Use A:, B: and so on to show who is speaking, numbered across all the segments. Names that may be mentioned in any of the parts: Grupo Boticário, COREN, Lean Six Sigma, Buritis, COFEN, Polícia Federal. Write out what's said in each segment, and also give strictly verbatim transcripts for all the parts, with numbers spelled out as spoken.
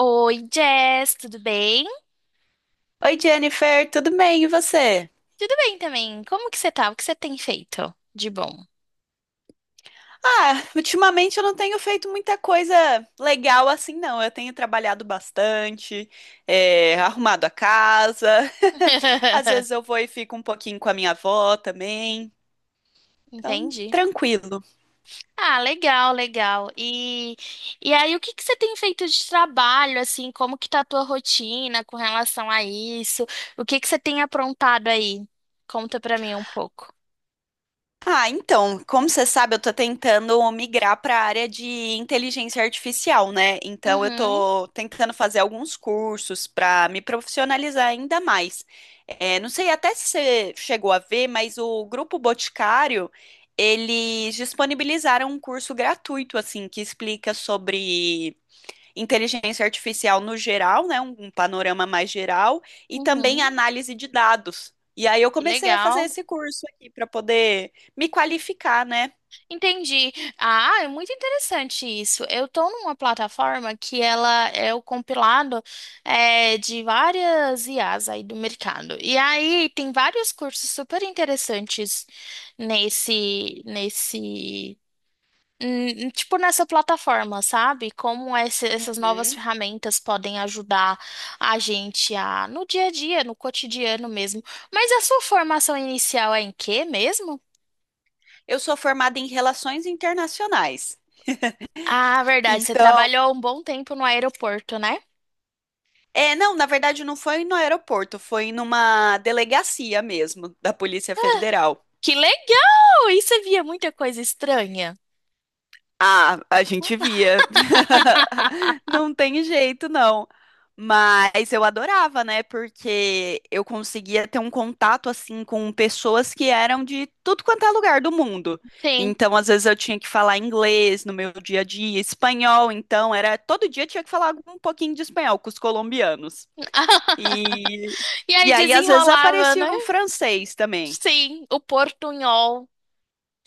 A: Oi, Jess, tudo bem?
B: Oi, Jennifer, tudo bem? E você?
A: Tudo bem também. Como que você tá? O que você tem feito de bom?
B: Ah, ultimamente eu não tenho feito muita coisa legal assim, não. Eu tenho trabalhado bastante, é, arrumado a casa. Às vezes eu vou e fico um pouquinho com a minha avó também. Então,
A: Entendi.
B: tranquilo.
A: Ah, legal, legal. E, e aí, o que que você tem feito de trabalho, assim? Como que tá a tua rotina com relação a isso? O que que você tem aprontado aí? Conta pra mim um pouco.
B: Ah, então, como você sabe, eu tô tentando migrar para a área de inteligência artificial, né? Então, eu
A: Uhum,
B: tô tentando fazer alguns cursos para me profissionalizar ainda mais. É, não sei até se você chegou a ver, mas o Grupo Boticário, eles disponibilizaram um curso gratuito, assim, que explica sobre inteligência artificial no geral, né, um, um panorama mais geral, e também
A: uhum.
B: análise de dados. E aí eu
A: Que
B: comecei a fazer
A: legal.
B: esse curso aqui para poder me qualificar, né?
A: Entendi. Ah, é muito interessante isso. Eu tô numa plataforma que ela é o compilado é, de várias I as aí do mercado. E aí tem vários cursos super interessantes nesse, nesse, hum, tipo nessa plataforma, sabe? Como esse- essas novas
B: Uhum.
A: ferramentas podem ajudar a gente a no dia a dia, no cotidiano mesmo. Mas a sua formação inicial é em quê mesmo?
B: Eu sou formada em relações internacionais.
A: Ah, verdade. Você
B: Então,
A: trabalhou um bom tempo no aeroporto, né?
B: é, não, na verdade não foi no aeroporto, foi numa delegacia mesmo da Polícia Federal.
A: Que legal! E você via muita coisa estranha?
B: Ah, a gente via. Não tem jeito, não. Mas eu adorava, né? Porque eu conseguia ter um contato assim com pessoas que eram de tudo quanto é lugar do mundo.
A: Sim.
B: Então, às vezes eu tinha que falar inglês no meu dia a dia, espanhol, então era todo dia eu tinha que falar um pouquinho de espanhol com os colombianos. E
A: E aí
B: e aí às vezes
A: desenrolava,
B: aparecia
A: né?
B: um francês também,
A: Sim, o portunhol.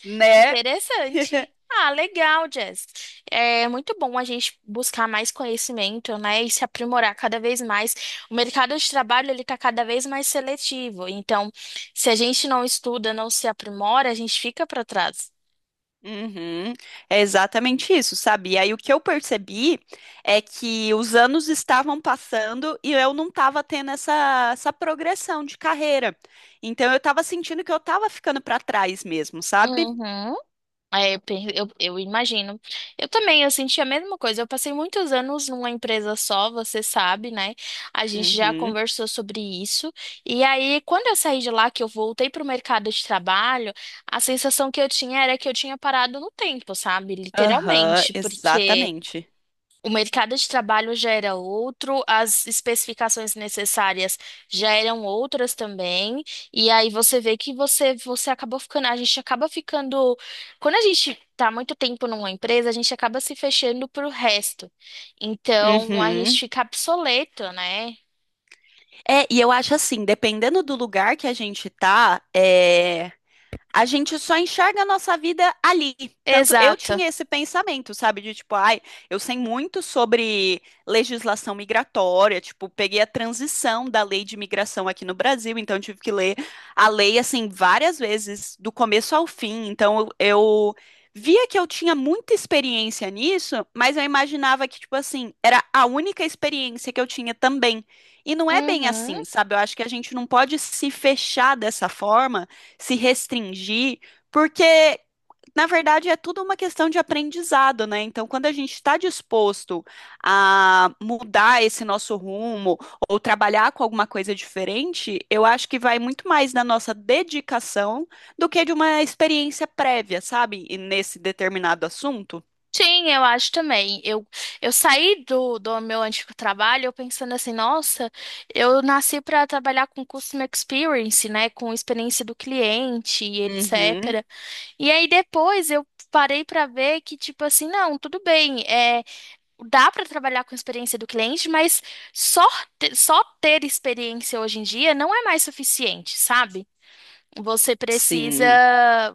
B: né?
A: Interessante. Ah, legal, Jess. É muito bom a gente buscar mais conhecimento, né, e se aprimorar cada vez mais. O mercado de trabalho ele está cada vez mais seletivo. Então, se a gente não estuda, não se aprimora, a gente fica para trás.
B: Uhum, é exatamente isso, sabe? E aí o que eu percebi é que os anos estavam passando e eu não estava tendo essa, essa progressão de carreira. Então eu estava sentindo que eu estava ficando para trás mesmo, sabe?
A: Uhum. É, eu, pe- eu eu imagino. Eu também, eu senti a mesma coisa. Eu passei muitos anos numa empresa só, você sabe, né? A gente já
B: Uhum,
A: conversou sobre isso. E aí, quando eu saí de lá, que eu voltei para o mercado de trabalho, a sensação que eu tinha era que eu tinha parado no tempo, sabe?
B: aham,
A: Literalmente, porque
B: exatamente.
A: o mercado de trabalho já era outro, as especificações necessárias já eram outras também, e aí você vê que você você acabou ficando, a gente acaba ficando, quando a gente tá muito tempo numa empresa, a gente acaba se fechando pro resto. Então, a gente
B: Uhum.
A: fica obsoleto, né?
B: É, e eu acho assim, dependendo do lugar que a gente tá, eh, a gente só enxerga a nossa vida ali. Tanto eu
A: Exato.
B: tinha esse pensamento, sabe? De tipo, ai, eu sei muito sobre legislação migratória, tipo, peguei a transição da lei de migração aqui no Brasil, então eu tive que ler a lei, assim, várias vezes, do começo ao fim. Então eu eu via que eu tinha muita experiência nisso, mas eu imaginava que, tipo assim, era a única experiência que eu tinha também. E não é bem
A: Uhum.
B: assim, sabe? Eu acho que a gente não pode se fechar dessa forma se restringir, porque na verdade é tudo uma questão de aprendizado, né? Então, quando a gente está disposto a mudar esse nosso rumo ou trabalhar com alguma coisa diferente, eu acho que vai muito mais da nossa dedicação do que de uma experiência prévia, sabe? E nesse determinado assunto.
A: Sim, eu acho também. Eu, eu saí do, do meu antigo trabalho eu pensando assim, nossa, eu nasci para trabalhar com Customer Experience, né, com experiência do cliente e
B: Uhum,
A: etcetera. E aí depois eu parei para ver que, tipo assim, não, tudo bem, é, dá para trabalhar com experiência do cliente, mas só, te- só ter experiência hoje em dia não é mais suficiente, sabe? Você precisa,
B: sim.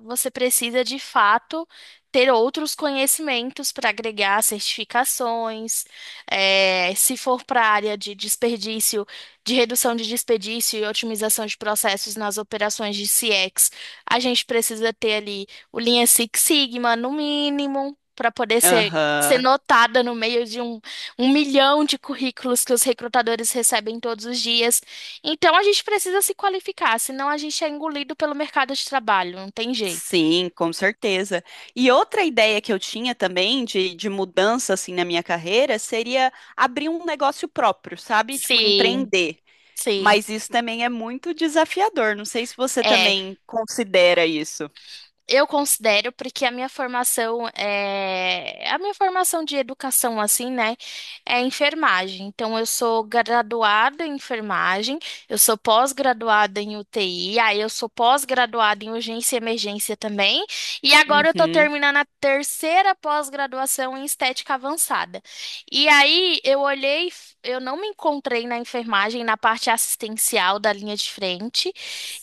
A: você precisa de fato ter outros conhecimentos para agregar certificações. Eh, se for para a área de desperdício, de redução de desperdício e otimização de processos nas operações de C X, a gente precisa ter ali o Lean Six Sigma no mínimo para poder ser Ser
B: Aham.
A: notada no meio de um, um milhão de currículos que os recrutadores recebem todos os dias. Então a gente precisa se qualificar, senão a gente é engolido pelo mercado de trabalho, não tem jeito.
B: Sim, com certeza. E outra ideia que eu tinha também de, de mudança assim na minha carreira seria abrir um negócio próprio, sabe? Tipo,
A: Sim,
B: empreender.
A: sim.
B: Mas isso também é muito desafiador. Não sei se você
A: É,
B: também considera isso.
A: Eu considero porque a minha formação é a minha formação de educação assim, né, é enfermagem. Então eu sou graduada em enfermagem, eu sou pós-graduada em U T I, aí eu sou pós-graduada em urgência e emergência também, e agora eu tô
B: Uhum,
A: terminando a terceira pós-graduação em estética avançada. E aí eu olhei, eu não me encontrei na enfermagem, na parte assistencial da linha de frente.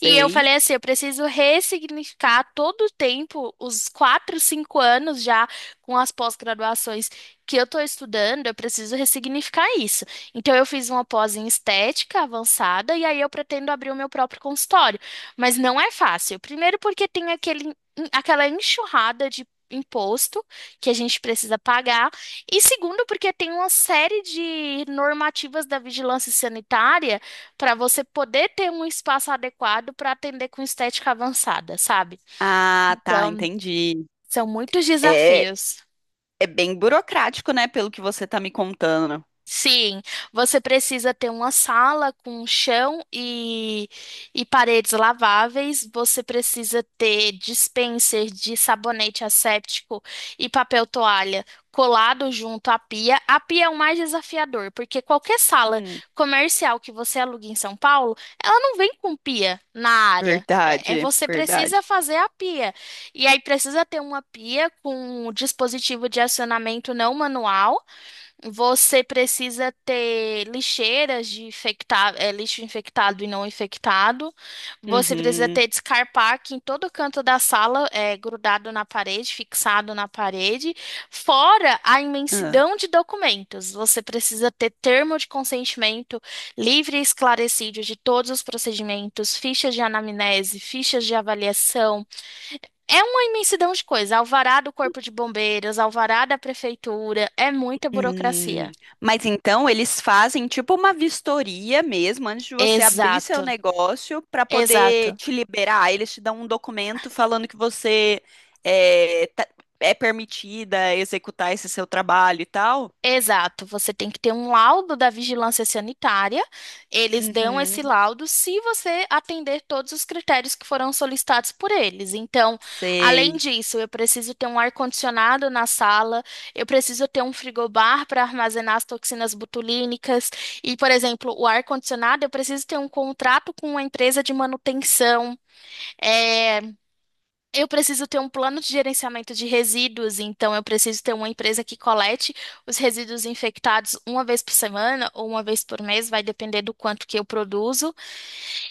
A: E eu falei assim, eu preciso ressignificar todo o tempo, os quatro, cinco anos já com as pós-graduações que eu estou estudando, eu preciso ressignificar isso. Então eu fiz uma pós em estética avançada e aí eu pretendo abrir o meu próprio consultório. Mas não é fácil. Primeiro porque tem aquele, aquela enxurrada de imposto que a gente precisa pagar. E segundo porque tem uma série de normativas da vigilância sanitária para você poder ter um espaço adequado para atender com estética avançada, sabe?
B: Ah, tá,
A: Então,
B: entendi.
A: são muitos
B: É,
A: desafios.
B: é bem burocrático, né? Pelo que você tá me contando.
A: Sim, você precisa ter uma sala com chão e, e paredes laváveis. Você precisa ter dispenser de sabonete asséptico e papel toalha colado junto à pia. A pia é o mais desafiador, porque qualquer sala
B: Hum,
A: comercial que você alugue em São Paulo, ela não vem com pia na área. É, é
B: verdade,
A: você precisa
B: verdade.
A: fazer a pia. E aí precisa ter uma pia com dispositivo de acionamento não manual. Você precisa ter lixeiras de infecta- eh, lixo infectado e não infectado. Você precisa
B: Uhum.
A: ter descarpaque em todo canto da sala, eh, grudado na parede, fixado na parede, fora a imensidão de documentos. Você precisa ter termo de consentimento livre e esclarecido de todos os procedimentos, fichas de anamnese, fichas de avaliação. É uma imensidão de coisa. Alvará do Corpo de Bombeiros, alvará da Prefeitura, é muita
B: Hum,
A: burocracia.
B: mas então eles fazem tipo uma vistoria mesmo antes de você abrir seu
A: Exato,
B: negócio para poder
A: exato,
B: te liberar. Eles te dão um documento falando que você é, tá- é permitida executar esse seu trabalho e tal.
A: exato. Você tem que ter um laudo da vigilância sanitária. Eles dão esse
B: Uhum,
A: laudo se você atender todos os critérios que foram solicitados por eles. Então, além
B: sei,
A: disso, eu preciso ter um ar-condicionado na sala, eu preciso ter um frigobar para armazenar as toxinas botulínicas. E, por exemplo, o ar-condicionado, eu preciso ter um contrato com uma empresa de manutenção. É, Eu preciso ter um plano de gerenciamento de resíduos, então eu preciso ter uma empresa que colete os resíduos infectados uma vez por semana ou uma vez por mês, vai depender do quanto que eu produzo.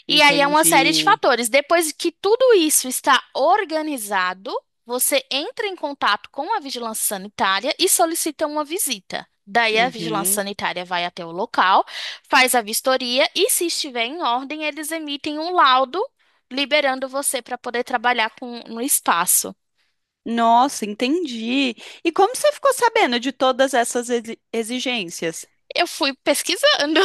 A: E aí é uma série de
B: entendi.
A: fatores. Depois que tudo isso está organizado, você entra em contato com a vigilância sanitária e solicita uma visita. Daí a vigilância
B: Uhum.
A: sanitária vai até o local, faz a vistoria e, se estiver em ordem, eles emitem um laudo liberando você para poder trabalhar com, no espaço.
B: Nossa, entendi. E como você ficou sabendo de todas essas exi- exigências?
A: Eu fui pesquisando.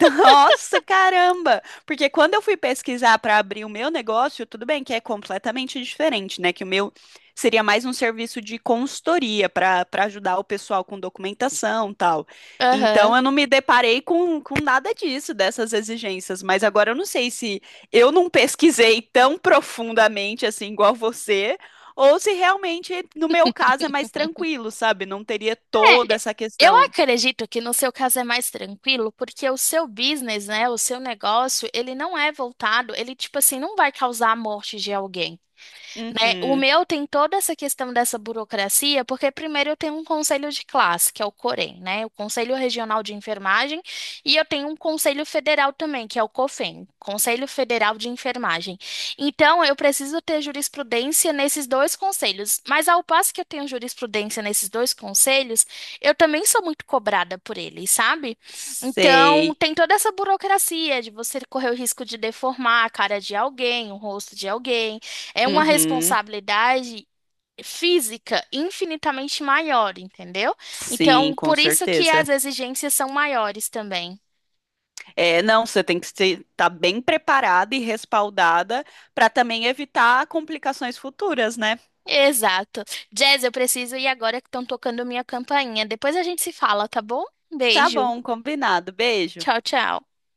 B: Nossa, caramba! Porque quando eu fui pesquisar para abrir o meu negócio, tudo bem que é completamente diferente, né? Que o meu seria mais um serviço de consultoria para para ajudar o pessoal com documentação, tal. Então
A: Aham.
B: eu não me deparei com, com nada disso, dessas exigências, mas agora eu não sei se eu não pesquisei tão profundamente assim igual você, ou se realmente no meu caso é mais tranquilo, sabe? Não teria
A: É,
B: toda
A: é,
B: essa
A: eu
B: questão.
A: acredito que no seu caso é mais tranquilo, porque o seu business, né, o seu negócio, ele não é voltado, ele tipo assim, não vai causar a morte de alguém né? O
B: Uhum.
A: meu tem toda essa questão dessa burocracia, porque primeiro eu tenho um conselho de classe, que é o COREN, né? O Conselho Regional de Enfermagem, e eu tenho um conselho federal também, que é o COFEN, Conselho Federal de Enfermagem. Então, eu preciso ter jurisprudência nesses dois conselhos, mas ao passo que eu tenho jurisprudência nesses dois conselhos, eu também sou muito cobrada por eles, sabe? Então,
B: Sei.
A: tem toda essa burocracia de você correr o risco de deformar a cara de alguém, o rosto de alguém. É uma
B: Uhum.
A: responsabilidade física infinitamente maior, entendeu?
B: Sim,
A: Então,
B: com
A: por isso que
B: certeza.
A: as exigências são maiores também.
B: É, não, você tem que estar bem preparada e respaldada para também evitar complicações futuras, né?
A: Exato. Jazz, eu preciso ir agora que estão tocando minha campainha. Depois a gente se fala, tá bom?
B: Tá
A: Beijo.
B: bom, combinado. Beijo.
A: Tchau, tchau.